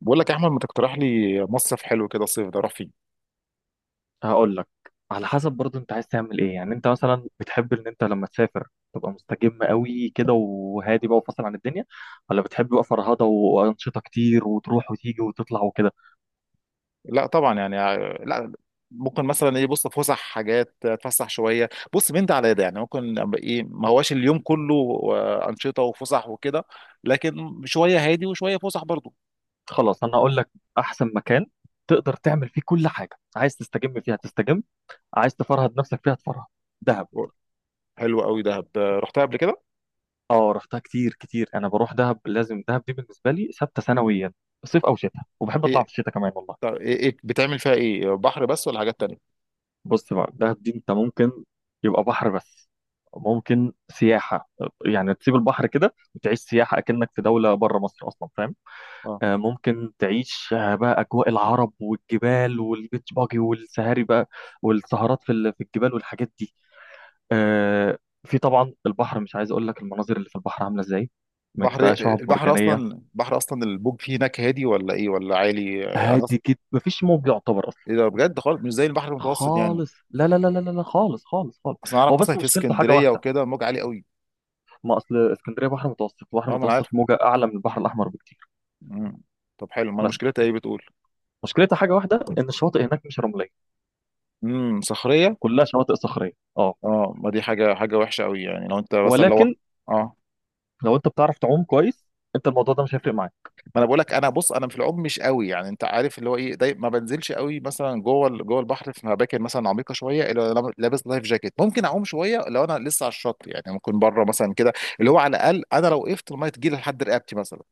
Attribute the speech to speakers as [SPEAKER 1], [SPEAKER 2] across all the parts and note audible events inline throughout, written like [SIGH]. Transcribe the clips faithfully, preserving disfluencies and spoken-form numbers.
[SPEAKER 1] بقول لك يا احمد، ما تقترح لي مصيف حلو كده الصيف ده اروح فيه؟
[SPEAKER 2] هقول لك على حسب برضه انت عايز تعمل ايه؟ يعني انت مثلا بتحب ان انت لما تسافر تبقى مستجم قوي كده وهادي بقى وفاصل عن الدنيا، ولا بتحب بقى فرهضه وانشطه كتير وتروح وتيجي وتطلع وكده؟
[SPEAKER 1] لا طبعا، يعني آه، لا. ممكن مثلا ايه، بص، فسح، حاجات اتفسح شويه، بص، من ده على ده. يعني ممكن أبقى ايه، ما هواش اليوم كله آه، انشطه وفسح وكده. لكن شويه هادي وشويه فسح برضو.
[SPEAKER 2] خلاص انا هقول لك احسن مكان تقدر تعمل فيه كل حاجه، عايز تستجم فيها تستجم، عايز تفرهد نفسك فيها تفرهد. دهب.
[SPEAKER 1] حلو قوي دهب، آه، رحتها قبل كده.
[SPEAKER 2] اه رحتها كتير كتير، انا بروح دهب، لازم دهب دي بالنسبه لي ثابته سنويا، صيف او شتاء، وبحب
[SPEAKER 1] ايه؟
[SPEAKER 2] اطلع في الشتاء كمان والله.
[SPEAKER 1] طب ايه، إيه بتعمل فيها ايه، بحر بس ولا حاجات تانية؟
[SPEAKER 2] بص بقى دهب دي انت ممكن يبقى بحر بس، ممكن سياحة، يعني تسيب البحر كده وتعيش سياحة أكنك في دولة بره مصر أصلا، فاهم؟
[SPEAKER 1] اه.
[SPEAKER 2] آه، ممكن تعيش آه، بقى أجواء العرب والجبال والبيتش باجي والسهاري بقى، والسهرات في ال- في الجبال والحاجات دي. آه، في طبعا البحر، مش عايز أقول لك المناظر اللي في البحر عاملة إزاي، من
[SPEAKER 1] بحر،
[SPEAKER 2] بقى شعاب
[SPEAKER 1] البحر اصلا
[SPEAKER 2] مرجانية.
[SPEAKER 1] البحر اصلا البوج فيه هناك هادي ولا ايه ولا عالي؟ آه، انا أص-
[SPEAKER 2] هادي جدا، مفيش موج يعتبر أصلا.
[SPEAKER 1] ايه ده؟ بجد خالص مش زي البحر المتوسط يعني.
[SPEAKER 2] خالص، لا لا لا لا لا لا، خالص خالص خالص.
[SPEAKER 1] اصل انا اعرف
[SPEAKER 2] هو
[SPEAKER 1] مثلا
[SPEAKER 2] بس
[SPEAKER 1] في
[SPEAKER 2] مشكلته حاجة
[SPEAKER 1] اسكندريه
[SPEAKER 2] واحدة.
[SPEAKER 1] وكده الموج عالي قوي.
[SPEAKER 2] ما اصل اسكندريه بحر متوسط، البحر
[SPEAKER 1] اه، ما انا عارف.
[SPEAKER 2] المتوسط موجه اعلى من البحر الاحمر بكتير.
[SPEAKER 1] مم. طب حلو، ما
[SPEAKER 2] بس
[SPEAKER 1] مشكلتها ايه بتقول؟
[SPEAKER 2] مشكلتها حاجه واحده، ان الشواطئ هناك مش رمليه،
[SPEAKER 1] امم صخريه.
[SPEAKER 2] كلها شواطئ صخريه. اه.
[SPEAKER 1] اه، ما دي حاجه حاجه وحشه قوي يعني، لو انت مثلا لو
[SPEAKER 2] ولكن
[SPEAKER 1] اه،
[SPEAKER 2] لو انت بتعرف تعوم كويس، انت الموضوع ده مش هيفرق معاك.
[SPEAKER 1] ما انا بقول لك، انا بص، انا في العوم مش قوي، يعني انت عارف اللي هو ايه، دايما ما بنزلش قوي مثلا جوه ال- جوه البحر في اماكن مثلا عميقه شويه، الا لو لابس لايف جاكيت ممكن اعوم شويه. لو انا لسه على الشط يعني، ممكن بره مثلا كده. اللي هو على الاقل، انا لو وقفت الميه تجيلي لحد رقبتي مثلا.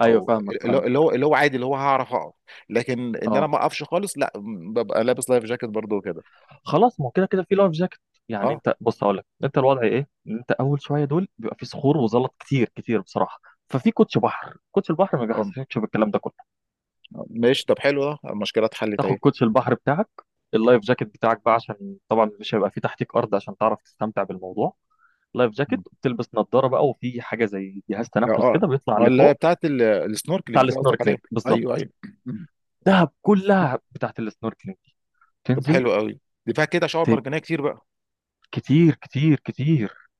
[SPEAKER 2] ايوه
[SPEAKER 1] او
[SPEAKER 2] فاهمك،
[SPEAKER 1] اللي
[SPEAKER 2] فاهم.
[SPEAKER 1] هو اللي هو اللي هو عادي اللي هو هعرف اقف. لكن ان انا
[SPEAKER 2] اه
[SPEAKER 1] ما اقفش خالص، لا، م- ببقى لابس لايف جاكيت برضو وكده.
[SPEAKER 2] خلاص، ما هو كده كده في لايف جاكيت. يعني
[SPEAKER 1] اه.
[SPEAKER 2] انت بص هقول لك انت الوضع ايه، ان انت اول شويه دول بيبقى في صخور وزلط كتير كتير بصراحه، ففي كوتش بحر، كوتش البحر ما
[SPEAKER 1] آه،
[SPEAKER 2] بيحسسكش بالكلام ده كله.
[SPEAKER 1] ماشي. طب حلو، ده المشكله اتحلت
[SPEAKER 2] تاخد
[SPEAKER 1] اهي.
[SPEAKER 2] كوتش البحر بتاعك، اللايف جاكيت بتاعك بقى، عشان طبعا مش هيبقى في تحتيك ارض عشان تعرف تستمتع بالموضوع. لايف جاكيت،
[SPEAKER 1] مم.
[SPEAKER 2] بتلبس نظاره بقى، وفي حاجه زي جهاز تنفس
[SPEAKER 1] اه.
[SPEAKER 2] كده بيطلع
[SPEAKER 1] اه، اللي هي
[SPEAKER 2] لفوق.
[SPEAKER 1] بتاعت ال-
[SPEAKER 2] بتاع
[SPEAKER 1] السنوركلينج دي قصدك عليها.
[SPEAKER 2] السنوركلينج
[SPEAKER 1] ايوه،
[SPEAKER 2] بالظبط.
[SPEAKER 1] ايوه. مم.
[SPEAKER 2] دهب كلها بتاعت السنوركلينج دي.
[SPEAKER 1] طب
[SPEAKER 2] تنزل.
[SPEAKER 1] حلو قوي. دي فيها كده شعاب
[SPEAKER 2] ت-
[SPEAKER 1] مرجانيه كتير بقى؟
[SPEAKER 2] كتير كتير كتير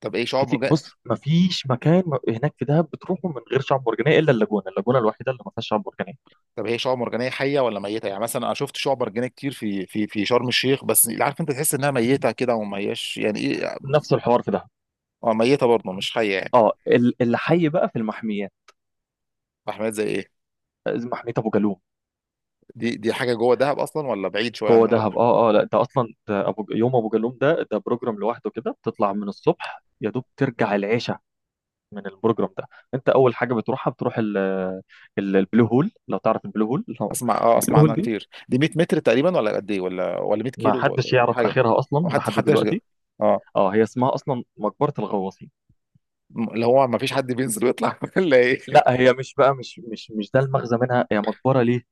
[SPEAKER 1] طب ايه شعاب
[SPEAKER 2] كتير.
[SPEAKER 1] مرجانيه؟
[SPEAKER 2] بص ما فيش مكان م- هناك في دهب بتروحه من غير شعاب مرجانيه، الا اللاجونه، اللاجونه الوحيده اللي ما فيهاش شعاب مرجانيه.
[SPEAKER 1] طب هي شعاب مرجانيه حيه ولا ميته؟ يعني مثلا انا شفت شعاب مرجانيه كتير في في في شرم الشيخ، بس اللي عارف، انت تحس انها ميته كده وما هياش، يعني ايه.
[SPEAKER 2] نفس الحوار في دهب.
[SPEAKER 1] اه، ميته برضه مش حيه يعني.
[SPEAKER 2] اه ال- اللي حي بقى في المحميات.
[SPEAKER 1] احمد، زي ايه؟
[SPEAKER 2] آه، محميه ابو جالوم.
[SPEAKER 1] دي دي حاجه جوه دهب اصلا ولا بعيد شويه عن
[SPEAKER 2] جوه
[SPEAKER 1] دهب؟
[SPEAKER 2] دهب اه اه، لا ده اصلا ده ابو يوم ابو جالوم ده ده بروجرام لوحده كده، بتطلع من الصبح يا دوب ترجع العشاء. من البروجرام ده، انت اول حاجه بتروحها بتروح ال- ال- البلو هول، لو تعرف البلو هول لو-
[SPEAKER 1] اسمع، اه
[SPEAKER 2] البلو
[SPEAKER 1] اسمع
[SPEAKER 2] هول
[SPEAKER 1] عنها
[SPEAKER 2] دي
[SPEAKER 1] كتير. دي ميه متر تقريبا ولا قد ايه، ولا ولا ميه
[SPEAKER 2] ما
[SPEAKER 1] كيلو
[SPEAKER 2] حدش
[SPEAKER 1] ولا
[SPEAKER 2] يعرف
[SPEAKER 1] حاجه؟
[SPEAKER 2] اخرها اصلا
[SPEAKER 1] ما حد
[SPEAKER 2] لحد
[SPEAKER 1] حدش جا.
[SPEAKER 2] دلوقتي.
[SPEAKER 1] اه.
[SPEAKER 2] اه هي اسمها اصلا مقبره الغواصين.
[SPEAKER 1] م- اللي هو ما فيش حد بينزل ويطلع [LAUGHS] ولا ايه؟
[SPEAKER 2] لا هي مش بقى مش مش مش ده المغزى منها، هي مقبره ليه؟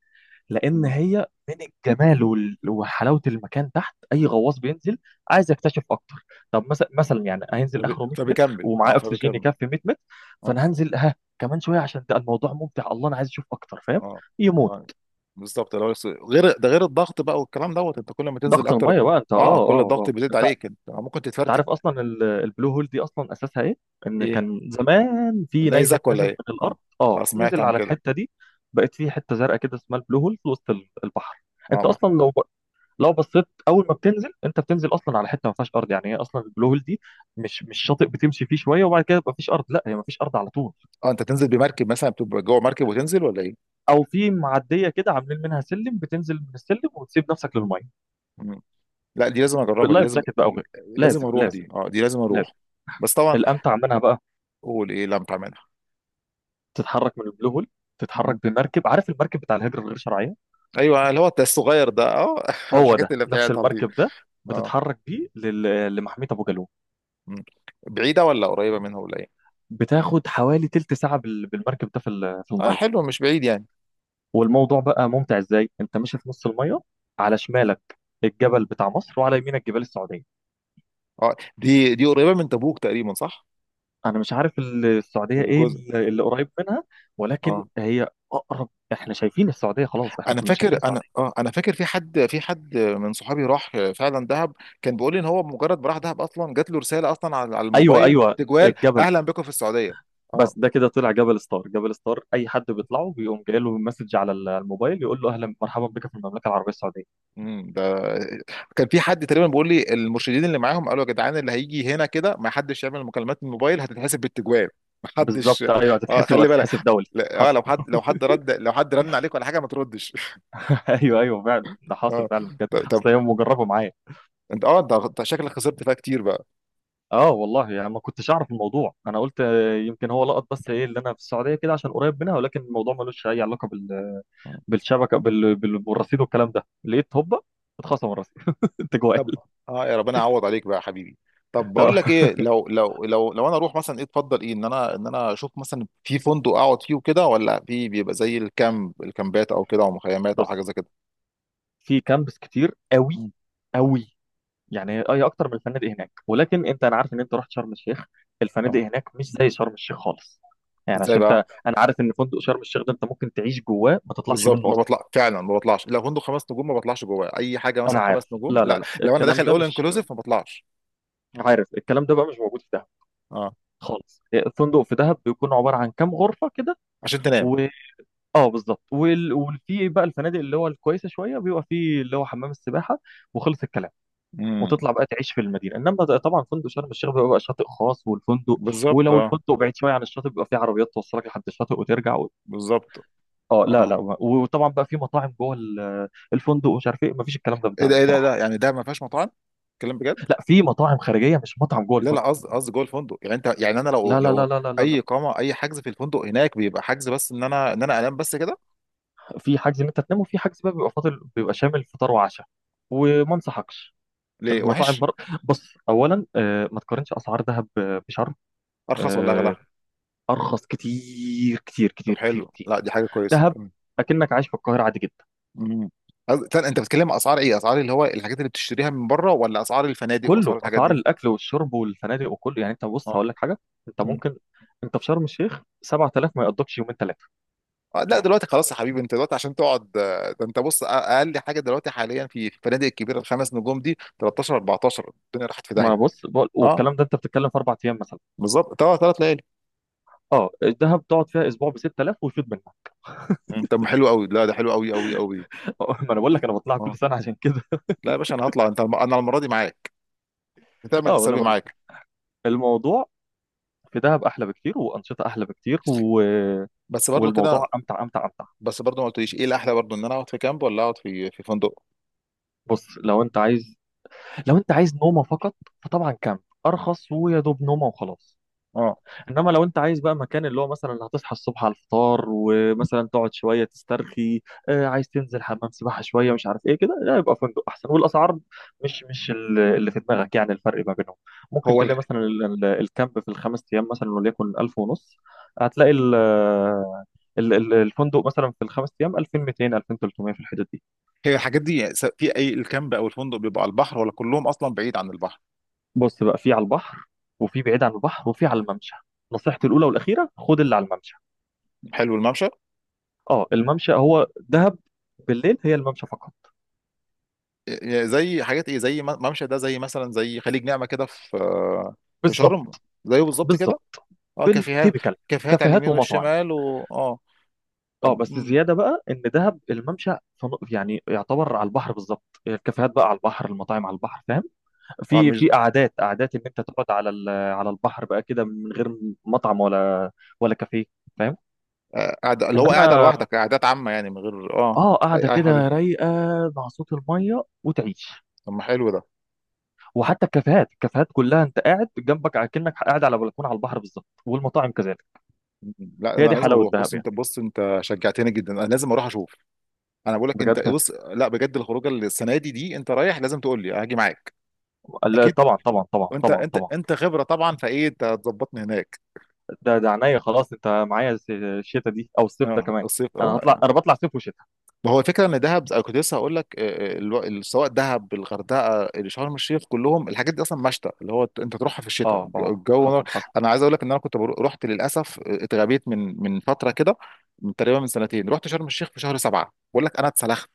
[SPEAKER 2] لان
[SPEAKER 1] مم.
[SPEAKER 2] هي من الجمال وال- وحلاوه المكان تحت، اي غواص بينزل عايز يكتشف اكتر. طب مثلا مثلا يعني هينزل
[SPEAKER 1] فب-
[SPEAKER 2] اخره مية متر
[SPEAKER 1] فبيكمل، اه
[SPEAKER 2] ومعاه اكسجين
[SPEAKER 1] فبيكمل.
[SPEAKER 2] يكفي مية متر،
[SPEAKER 1] اه،
[SPEAKER 2] فانا هنزل ها كمان شويه عشان ده الموضوع ممتع، الله انا عايز اشوف اكتر، فاهم.
[SPEAKER 1] اه.
[SPEAKER 2] يموت.
[SPEAKER 1] اه، بالظبط. لو س- غير ده، غير الضغط بقى والكلام دوت، انت كل ما تنزل
[SPEAKER 2] ضغط
[SPEAKER 1] اكتر.
[SPEAKER 2] الميه بقى انت، اه
[SPEAKER 1] اه، كل
[SPEAKER 2] اه
[SPEAKER 1] الضغط
[SPEAKER 2] اه.
[SPEAKER 1] بيزيد
[SPEAKER 2] انت،
[SPEAKER 1] عليك، انت ممكن
[SPEAKER 2] انت
[SPEAKER 1] تتفرتك.
[SPEAKER 2] عارف اصلا ال- البلو هول دي اصلا اساسها ايه؟ ان
[SPEAKER 1] ايه،
[SPEAKER 2] كان زمان في نيزك
[SPEAKER 1] نيزك ولا
[SPEAKER 2] نزل
[SPEAKER 1] ايه؟
[SPEAKER 2] من الارض.
[SPEAKER 1] اه.
[SPEAKER 2] اه
[SPEAKER 1] اه، سمعت
[SPEAKER 2] نزل
[SPEAKER 1] عن
[SPEAKER 2] على
[SPEAKER 1] كده.
[SPEAKER 2] الحته دي، بقت في حته زرقاء كده اسمها البلو هول في وسط ال- البحر.
[SPEAKER 1] اه،
[SPEAKER 2] انت
[SPEAKER 1] ما-
[SPEAKER 2] اصلا لو ب... لو بصيت اول ما بتنزل، انت بتنزل اصلا على حته ما فيهاش ارض، يعني هي اصلا البلو هول دي مش مش شاطئ بتمشي فيه شويه وبعد كده يبقى فيش ارض، لا هي ما فيش ارض على طول.
[SPEAKER 1] اه، انت تنزل بمركب مثلا، بتبقى جوه مركب وتنزل ولا ايه؟
[SPEAKER 2] او في معديه كده عاملين منها سلم، بتنزل من السلم وتسيب نفسك للميه،
[SPEAKER 1] لا، دي لازم اجربها، دي
[SPEAKER 2] باللايف
[SPEAKER 1] لازم.
[SPEAKER 2] جاكيت بقى وغيره.
[SPEAKER 1] لازم
[SPEAKER 2] لازم
[SPEAKER 1] اروح
[SPEAKER 2] لازم
[SPEAKER 1] دي، اه، دي لازم اروح.
[SPEAKER 2] لازم.
[SPEAKER 1] بس طبعا.
[SPEAKER 2] الامتع منها بقى
[SPEAKER 1] قول ايه لم تعملها.
[SPEAKER 2] تتحرك من البلو هول، تتحرك
[SPEAKER 1] مم.
[SPEAKER 2] بمركب، عارف المركب بتاع الهجرة الغير شرعية؟
[SPEAKER 1] ايوه، اللي هو التست الصغير ده، اه [LAUGHS]
[SPEAKER 2] هو
[SPEAKER 1] الحاجات
[SPEAKER 2] ده
[SPEAKER 1] اللي
[SPEAKER 2] نفس
[SPEAKER 1] بتاعتها دي.
[SPEAKER 2] المركب ده،
[SPEAKER 1] اه.
[SPEAKER 2] بتتحرك بيه لل- لمحمية أبو جالوم.
[SPEAKER 1] مم. بعيده ولا قريبه منها ولا ايه؟
[SPEAKER 2] بتاخد حوالي تلت ساعة بال- بالمركب ده في ال- في
[SPEAKER 1] اه
[SPEAKER 2] المية،
[SPEAKER 1] حلو، مش بعيد يعني.
[SPEAKER 2] والموضوع بقى ممتع إزاي، أنت ماشي في نص المية، على شمالك الجبل بتاع مصر وعلى يمينك جبال السعودية.
[SPEAKER 1] اه، دي دي قريبه من تبوك تقريبا، صح؟
[SPEAKER 2] أنا مش عارف ال- السعودية إيه
[SPEAKER 1] الجزء.
[SPEAKER 2] ال- اللي قريب منها، ولكن
[SPEAKER 1] اه،
[SPEAKER 2] هي أقرب، إحنا شايفين السعودية، خلاص إحنا
[SPEAKER 1] انا
[SPEAKER 2] كنا شايفين
[SPEAKER 1] فاكر، انا
[SPEAKER 2] السعودية.
[SPEAKER 1] اه انا فاكر، في حد، في حد من صحابي راح فعلا دهب. كان بيقول لي ان هو مجرد ما راح دهب، اصلا جات له رساله اصلا على على
[SPEAKER 2] أيوه
[SPEAKER 1] الموبايل
[SPEAKER 2] أيوه.
[SPEAKER 1] تجوال،
[SPEAKER 2] الجبل،
[SPEAKER 1] اهلا بكم في السعوديه. اه.
[SPEAKER 2] بس ده كده طلع جبل ستار، جبل ستار اي حد بيطلعه بيقوم جاي له مسج على ال- الموبايل يقول له اهلا، مرحبا بك في المملكه العربيه السعوديه.
[SPEAKER 1] امم ده. كان في حد تقريبا بيقول لي المرشدين اللي معاهم قالوا يا جدعان، اللي هيجي هنا كده ما حدش يعمل مكالمات من الموبايل، هتتحسب بالتجوال. ما حدش.
[SPEAKER 2] بالظبط ايوه،
[SPEAKER 1] اه،
[SPEAKER 2] هتتحسب،
[SPEAKER 1] خلي بالك.
[SPEAKER 2] هتتحسب دولي،
[SPEAKER 1] لا، اه،
[SPEAKER 2] حصل
[SPEAKER 1] لو حد،
[SPEAKER 2] [LAUGHS]
[SPEAKER 1] لو حد رد، لو حد رن عليك ولا حاجه، ما تردش.
[SPEAKER 2] ايوه ايوه فعلا،
[SPEAKER 1] [LAUGHS]
[SPEAKER 2] ده حاصل
[SPEAKER 1] اه.
[SPEAKER 2] فعلا بجد،
[SPEAKER 1] طب، طب.
[SPEAKER 2] اصل هي مجربه معايا.
[SPEAKER 1] انت اه انت أنت شكلك خسرت فيها كتير بقى.
[SPEAKER 2] اه والله، يعني ما كنتش اعرف الموضوع، انا قلت آه، يمكن هو لقط، بس ايه اللي انا في السعوديه كده عشان قريب منها، ولكن الموضوع ملوش اي علاقه بال
[SPEAKER 1] مم.
[SPEAKER 2] بالشبكه بال... بال... بالرصيد والكلام ده، لقيت هوبا اتخصم الرصيد [LAUGHS] انت جوال.
[SPEAKER 1] طب. اه، يا ربنا يعوض عليك بقى يا حبيبي. طب، بقول
[SPEAKER 2] آه.
[SPEAKER 1] لك ايه، لو لو لو لو انا اروح مثلا، ايه تفضل، ايه ان انا ان انا اشوف مثلا في فندق اقعد فيه وكده، ولا في بيبقى زي الكامب، الكامبات او كده، او مخيمات او
[SPEAKER 2] بص
[SPEAKER 1] حاجه زي كده؟
[SPEAKER 2] في كامبس كتير قوي
[SPEAKER 1] مم.
[SPEAKER 2] قوي، يعني اي اكتر من الفنادق هناك، ولكن انت، انا عارف ان انت رحت شرم الشيخ، الفنادق
[SPEAKER 1] اه.
[SPEAKER 2] هناك مش زي شرم الشيخ خالص. يعني
[SPEAKER 1] ازاي
[SPEAKER 2] عشان انت،
[SPEAKER 1] بقى؟
[SPEAKER 2] انا عارف ان فندق شرم الشيخ ده انت ممكن تعيش جواه ما تطلعش
[SPEAKER 1] بالظبط،
[SPEAKER 2] منه
[SPEAKER 1] ما
[SPEAKER 2] اصلا.
[SPEAKER 1] بطلع فعلا، ما بطلعش. لو فندق خمس نجوم، ما بطلعش جواه اي حاجه.
[SPEAKER 2] انا
[SPEAKER 1] مثلا خمس
[SPEAKER 2] عارف،
[SPEAKER 1] نجوم،
[SPEAKER 2] لا لا
[SPEAKER 1] لا،
[SPEAKER 2] لا
[SPEAKER 1] لو انا
[SPEAKER 2] الكلام
[SPEAKER 1] داخل
[SPEAKER 2] ده
[SPEAKER 1] اول
[SPEAKER 2] مش،
[SPEAKER 1] انكلوسيف ما بطلعش.
[SPEAKER 2] عارف الكلام ده بقى مش موجود في دهب
[SPEAKER 1] اه،
[SPEAKER 2] خالص. الفندق في دهب بيكون عباره عن كام غرفه كده،
[SPEAKER 1] عشان تنام.
[SPEAKER 2] و اه بالظبط. وال... وفي بقى الفنادق اللي هو الكويسه شويه بيبقى فيه اللي هو حمام السباحه، وخلص الكلام.
[SPEAKER 1] امم.
[SPEAKER 2] وتطلع بقى تعيش في المدينه، انما ده طبعا فندق شرم الشيخ بيبقى بقى شاطئ خاص والفندق،
[SPEAKER 1] بالظبط،
[SPEAKER 2] ولو
[SPEAKER 1] اه.
[SPEAKER 2] الفندق بعيد شويه عن الشاطئ بيبقى فيه عربيات توصلك لحد الشاطئ وترجع و...
[SPEAKER 1] بالظبط.
[SPEAKER 2] اه لا لا،
[SPEAKER 1] اه،
[SPEAKER 2] وطبعا بقى في مطاعم جوه ال- الفندق ومش عارف ايه، مفيش الكلام ده في
[SPEAKER 1] ايه ده،
[SPEAKER 2] دهب
[SPEAKER 1] ايه ده إيه
[SPEAKER 2] بصراحه.
[SPEAKER 1] ده يعني ده ما فيهاش مطاعم؟ كلام بجد.
[SPEAKER 2] لا في مطاعم خارجيه، مش مطعم جوه
[SPEAKER 1] لا، لا،
[SPEAKER 2] الفندق.
[SPEAKER 1] قصدي، قصدي جوه الفندق يعني. انت يعني، انا لو
[SPEAKER 2] لا لا
[SPEAKER 1] لو
[SPEAKER 2] لا لا لا لا
[SPEAKER 1] اي
[SPEAKER 2] لا
[SPEAKER 1] اقامه، اي حجز في الفندق هناك بيبقى حجز بس، ان انا، ان انا انام بس كده.
[SPEAKER 2] في حجز ان انت تنام، وفي حجز بقى بيبقى فاضل بيبقى شامل فطار وعشاء، وما انصحكش
[SPEAKER 1] ليه
[SPEAKER 2] المطاعم
[SPEAKER 1] وحش؟
[SPEAKER 2] بر... بص اولا آه، ما تقارنش اسعار دهب آه، بشرم.
[SPEAKER 1] ارخص ولا
[SPEAKER 2] آه،
[SPEAKER 1] اغلى؟
[SPEAKER 2] ارخص كتير كتير
[SPEAKER 1] طب
[SPEAKER 2] كتير كتير
[SPEAKER 1] حلو،
[SPEAKER 2] كتير.
[SPEAKER 1] لا دي حاجه كويسه.
[SPEAKER 2] دهب اكنك عايش في القاهره عادي جدا.
[SPEAKER 1] مم. قصد- استنى، انت بتتكلم اسعار ايه، اسعار اللي هو الحاجات اللي بتشتريها من بره، ولا اسعار الفنادق واسعار
[SPEAKER 2] كله
[SPEAKER 1] الحاجات
[SPEAKER 2] اسعار
[SPEAKER 1] دي؟
[SPEAKER 2] الاكل والشرب والفنادق وكله، يعني انت بص
[SPEAKER 1] اه.
[SPEAKER 2] هقول لك حاجه، انت
[SPEAKER 1] مم.
[SPEAKER 2] ممكن، انت في شرم الشيخ سبعة آلاف ما يقضكش يومين ثلاثه.
[SPEAKER 1] آه، لا دلوقتي خلاص يا حبيبي. انت دلوقتي عشان تقعد، آه، ده انت بص، أ- اقل حاجه دلوقتي حاليا في في الفنادق الكبيره الخمس نجوم دي، تلتاشر اربعتاشر. الدنيا راحت في داهيه.
[SPEAKER 2] ما بص بقول،
[SPEAKER 1] اه،
[SPEAKER 2] والكلام ده انت بتتكلم في اربع ايام مثلا.
[SPEAKER 1] بالظبط، ثلاث ثلاث ليالي.
[SPEAKER 2] اه الدهب تقعد فيها اسبوع ب ستة آلاف ويفيد منها
[SPEAKER 1] مم. طب ما حلو قوي، لا ده حلو قوي قوي قوي.
[SPEAKER 2] [LAUGHS] ما انا بقول لك انا بطلع كل
[SPEAKER 1] اه.
[SPEAKER 2] سنه عشان كده
[SPEAKER 1] لا يا باشا، انا هطلع. انت الم- انا المره دي معاك.
[SPEAKER 2] [LAUGHS]
[SPEAKER 1] هتعمل
[SPEAKER 2] اه انا
[SPEAKER 1] حسابي
[SPEAKER 2] بقول
[SPEAKER 1] معاك.
[SPEAKER 2] لك الموضوع في دهب احلى بكتير، وانشطه احلى بكتير و...
[SPEAKER 1] بس برضو
[SPEAKER 2] والموضوع
[SPEAKER 1] كده.
[SPEAKER 2] امتع امتع امتع.
[SPEAKER 1] بس برضو ما قلتليش، ايه الاحلى برضو، ان انا اقعد في كامب ولا اقعد في في فندق؟
[SPEAKER 2] بص لو انت عايز، لو انت عايز نومه فقط، فطبعا كامب، ارخص ويا دوب نومه وخلاص.
[SPEAKER 1] اه.
[SPEAKER 2] انما لو انت عايز بقى مكان اللي هو مثلا هتصحى الصبح على الفطار، ومثلا تقعد شويه تسترخي، آه عايز تنزل حمام سباحه شويه، مش عارف ايه كده، لا يبقى فندق احسن. والاسعار مش مش ال- اللي في دماغك، يعني الفرق ما بينهم، ممكن
[SPEAKER 1] هو.
[SPEAKER 2] تلاقي مثلا ال- ال- الكامب في الخمس ايام مثلا وليكن ألف ونص، هتلاقي ال ال- ال- الفندق مثلا في الخمس ايام ألفين ومتين، ألفين وثلاثمية في الحدود دي.
[SPEAKER 1] هي الحاجات دي، س- في اي، الكامب او الفندق بيبقى على البحر ولا كلهم اصلا بعيد عن البحر؟
[SPEAKER 2] بص بقى في على البحر، وفي بعيد عن البحر، وفي على الممشى. نصيحتي الاولى والاخيره خد اللي على الممشى.
[SPEAKER 1] حلو، الممشى.
[SPEAKER 2] اه الممشى هو دهب بالليل، هي الممشى فقط.
[SPEAKER 1] إيه- زي حاجات ايه، زي م- ممشى ده زي مثلا، زي خليج نعمة كده في. في
[SPEAKER 2] بالظبط.
[SPEAKER 1] شرم. زيه بالظبط كده.
[SPEAKER 2] بالظبط.
[SPEAKER 1] اه، كافيهات.
[SPEAKER 2] بالتيبيكال.
[SPEAKER 1] كافيهات على
[SPEAKER 2] كافيهات
[SPEAKER 1] اليمين
[SPEAKER 2] ومطاعم.
[SPEAKER 1] والشمال و اه
[SPEAKER 2] اه
[SPEAKER 1] طب.
[SPEAKER 2] بس
[SPEAKER 1] مم.
[SPEAKER 2] زياده بقى ان دهب الممشى فن- يعني يعتبر على البحر بالظبط، الكافيهات بقى على البحر، المطاعم على البحر، فاهم؟
[SPEAKER 1] اه،
[SPEAKER 2] في
[SPEAKER 1] مش.
[SPEAKER 2] في قعدات، قعدات ان انت تقعد على ال- على البحر بقى كده، من غير مطعم ولا ولا كافيه، فاهم؟
[SPEAKER 1] آه، قاعد اللي هو قاعدة
[SPEAKER 2] انما
[SPEAKER 1] لوحدك، قعدات عامة يعني من غير اه
[SPEAKER 2] اه قاعده
[SPEAKER 1] اي، اي حد.
[SPEAKER 2] كده رايقه، مع صوت الميه، وتعيش.
[SPEAKER 1] طب ما حلو ده.
[SPEAKER 2] وحتى الكافيهات، الكافيهات كلها انت قاعد جنبك على، كأنك قاعد على بلكونه على البحر بالظبط، والمطاعم كذلك.
[SPEAKER 1] مم. لا،
[SPEAKER 2] هي
[SPEAKER 1] انا
[SPEAKER 2] دي
[SPEAKER 1] لازم
[SPEAKER 2] حلاوة
[SPEAKER 1] اروح. بص
[SPEAKER 2] دهب يعني.
[SPEAKER 1] انت، بص انت شجعتني جدا، انا لازم اروح اشوف. انا بقول لك، انت
[SPEAKER 2] بجد هت-.
[SPEAKER 1] بص، لا، بجد الخروجه السنه دي، دي انت رايح، لازم تقول لي هاجي معاك.
[SPEAKER 2] لا، طبعا طبعا طبعا
[SPEAKER 1] وانت،
[SPEAKER 2] طبعا
[SPEAKER 1] انت
[SPEAKER 2] طبعا.
[SPEAKER 1] انت خبره طبعا فايه انت هتظبطني هناك.
[SPEAKER 2] ده ده عينيا، خلاص انت معايا الس- الشتا دي او الصيف ده
[SPEAKER 1] اه،
[SPEAKER 2] كمان،
[SPEAKER 1] الصيف
[SPEAKER 2] انا هطلع،
[SPEAKER 1] اه.
[SPEAKER 2] انا بطلع صيف وشتاء.
[SPEAKER 1] ما هو الفكره ان دهب، انا كنت لسه هقول لك، آه، آه، الو- ال- سواء دهب، الغردقه، شرم الشيخ، كلهم الحاجات دي اصلا مشتى، اللي هو انت تروحها في الشتاء،
[SPEAKER 2] اه اه
[SPEAKER 1] الجو نار.
[SPEAKER 2] حصل حصل.
[SPEAKER 1] انا عايز اقول لك ان انا كنت برو- رحت للاسف، آه، اتغبيت من من فتره كده. من تقريبا من سنتين، رحت شرم الشيخ في شهر سبعه، بقول لك انا اتسلخت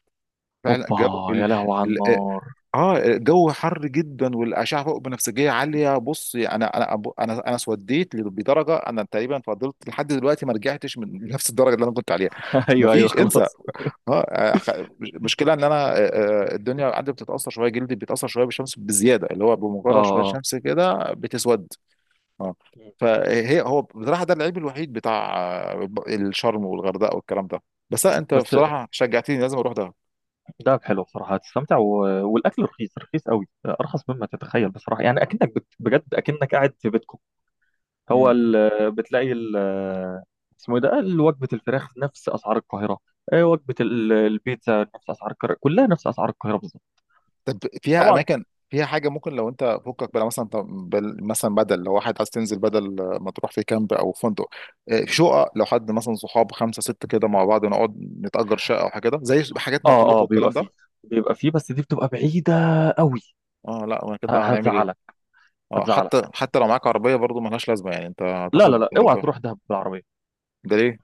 [SPEAKER 1] فعلا.
[SPEAKER 2] اوبا،
[SPEAKER 1] الجو،
[SPEAKER 2] يا لهو على النار
[SPEAKER 1] اه جو حر جدا والاشعه فوق بنفسجيه عاليه. بص، انا، انا أبو- انا انا اسوديت بدرجه، انا تقريبا فضلت لحد دلوقتي ما رجعتش من نفس الدرجه اللي انا كنت عليها.
[SPEAKER 2] [LAUGHS]
[SPEAKER 1] ما
[SPEAKER 2] ايوه ايوه
[SPEAKER 1] فيش، انسى.
[SPEAKER 2] خلاص.
[SPEAKER 1] اه، أخ- مشكله ان انا، آه، آه، الدنيا عندي بتتاثر شويه، جلدي بيتاثر شويه بالشمس بزياده، اللي هو
[SPEAKER 2] اه
[SPEAKER 1] بمجرد شويه
[SPEAKER 2] اه.
[SPEAKER 1] شمس كده بتسود. اه.
[SPEAKER 2] مم.
[SPEAKER 1] فهي هو بصراحه، ده العيب الوحيد بتاع آه، الشرم والغردقه والكلام ده. بس لا، انت
[SPEAKER 2] بس
[SPEAKER 1] بصراحه شجعتني، لازم اروح ده.
[SPEAKER 2] دهب حلو بصراحة، هتستمتع و... والاكل رخيص رخيص قوي، ارخص مما تتخيل بصراحة، يعني اكنك بت... بجد اكنك قاعد في بيتكم. هو ال- بتلاقي ال- اسمه ايه ده، ال- وجبه الفراخ نفس اسعار القاهره، آه، وجبه ال- البيتزا نفس اسعار القاهره، كلها نفس اسعار القاهره بالظبط.
[SPEAKER 1] طب فيها
[SPEAKER 2] طبعا.
[SPEAKER 1] اماكن، فيها حاجه ممكن، لو انت فكك بقى، مثلا طب بال- مثلا بدل، لو واحد عايز تنزل، بدل ما تروح في كامب او فندق، آه، في شقق، لو حد مثلا صحاب خمسه سته كده مع بعض نقعد نتأجر شقه او حاجه كده، زي حاجات مطروح
[SPEAKER 2] اه اه بيبقى
[SPEAKER 1] والكلام
[SPEAKER 2] فيه،
[SPEAKER 1] ده.
[SPEAKER 2] بيبقى فيه، بس دي بتبقى بعيده قوي.
[SPEAKER 1] اه، لا ما كده
[SPEAKER 2] ه-
[SPEAKER 1] هنعمل ايه.
[SPEAKER 2] هتزعلك.
[SPEAKER 1] اه حتى
[SPEAKER 2] هتزعلك،
[SPEAKER 1] حتى لو معاك عربيه، برضو ملهاش لازمه يعني، انت
[SPEAKER 2] لا لا
[SPEAKER 1] هتاخد.
[SPEAKER 2] لا اوعى تروح دهب بالعربيه،
[SPEAKER 1] ده ليه؟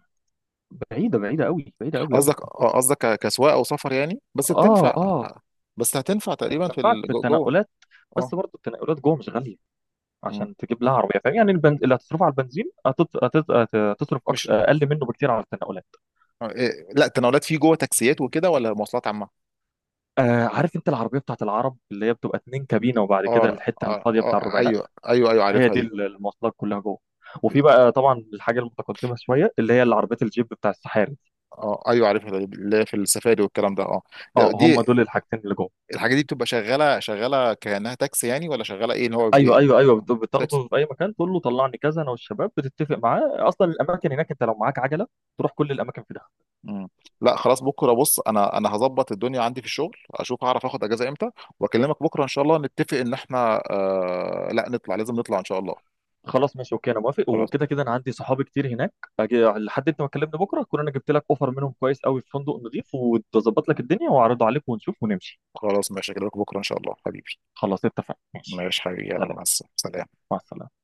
[SPEAKER 2] بعيده بعيده قوي، بعيده قوي قوي.
[SPEAKER 1] قصدك، اه قصدك ك- كسواقه او سفر يعني، بس
[SPEAKER 2] اه
[SPEAKER 1] بتنفع.
[SPEAKER 2] اه
[SPEAKER 1] بس هتنفع تقريبا في
[SPEAKER 2] هتنفعك في
[SPEAKER 1] الجو- جوه.
[SPEAKER 2] التنقلات،
[SPEAKER 1] اه.
[SPEAKER 2] بس برضه التنقلات جوه مش غاليه
[SPEAKER 1] مم.
[SPEAKER 2] عشان تجيب لها عربيه، فاهم يعني، البنز... اللي هتصرفه على البنزين هتت... هتت... هتصرف أكت...
[SPEAKER 1] مش،
[SPEAKER 2] اقل منه بكتير على التنقلات.
[SPEAKER 1] آه، إيه، لا، تناولات فيه جوه، تاكسيات وكده، ولا مواصلات عامه؟
[SPEAKER 2] آه عارف انت العربيه بتاعت العرب، اللي هي بتبقى اتنين كابينه وبعد كده
[SPEAKER 1] اه،
[SPEAKER 2] الحته
[SPEAKER 1] اه،
[SPEAKER 2] الفاضيه، بتاع
[SPEAKER 1] اه،
[SPEAKER 2] الربعينات،
[SPEAKER 1] ايوه، ايوه، ايوه،
[SPEAKER 2] هي
[SPEAKER 1] عارفها
[SPEAKER 2] دي
[SPEAKER 1] دي.
[SPEAKER 2] ال- المواصلات كلها جوه، وفي بقى طبعا الحاجه المتقدمه شويه اللي هي العربيات الجيب بتاع السحاري.
[SPEAKER 1] اه، ايوه، عارفها دي، اللي هي في السفاري والكلام ده، اه. ده-
[SPEAKER 2] اه
[SPEAKER 1] دي
[SPEAKER 2] هم دول الحاجتين اللي جوه.
[SPEAKER 1] الحاجات دي بتبقى شغاله، شغاله كانها تاكسي يعني، ولا شغاله ايه، ان هو بي…
[SPEAKER 2] ايوه
[SPEAKER 1] بي…
[SPEAKER 2] ايوه ايوه بت-
[SPEAKER 1] تاكسي.
[SPEAKER 2] بتاخده في اي مكان، تقول له طلعني كذا، انا والشباب بتتفق معاه. اصلا الاماكن هناك انت لو معاك عجله، تروح كل الاماكن في دهب.
[SPEAKER 1] مم. لا، خلاص بكره، بص انا، انا هظبط الدنيا عندي في الشغل، اشوف هعرف اخد اجازه امتى واكلمك بكره ان شاء الله، نتفق ان احنا، آه... لا نطلع، لازم نطلع ان شاء الله.
[SPEAKER 2] خلاص ماشي اوكي انا موافق،
[SPEAKER 1] خلاص.
[SPEAKER 2] وكده كده انا عندي صحابي كتير هناك، أجي لحد انت ما تكلمني بكره اكون انا جبت لك اوفر منهم كويس قوي في فندق نظيف، وتظبط لك الدنيا واعرضه عليك ونشوف ونمشي.
[SPEAKER 1] خلاص ماشي، اكلمك بكره ان شاء الله حبيبي.
[SPEAKER 2] خلاص اتفقنا ماشي.
[SPEAKER 1] ماشي حبيبي، يلا
[SPEAKER 2] سلام،
[SPEAKER 1] مع السلامه.
[SPEAKER 2] مع السلامة.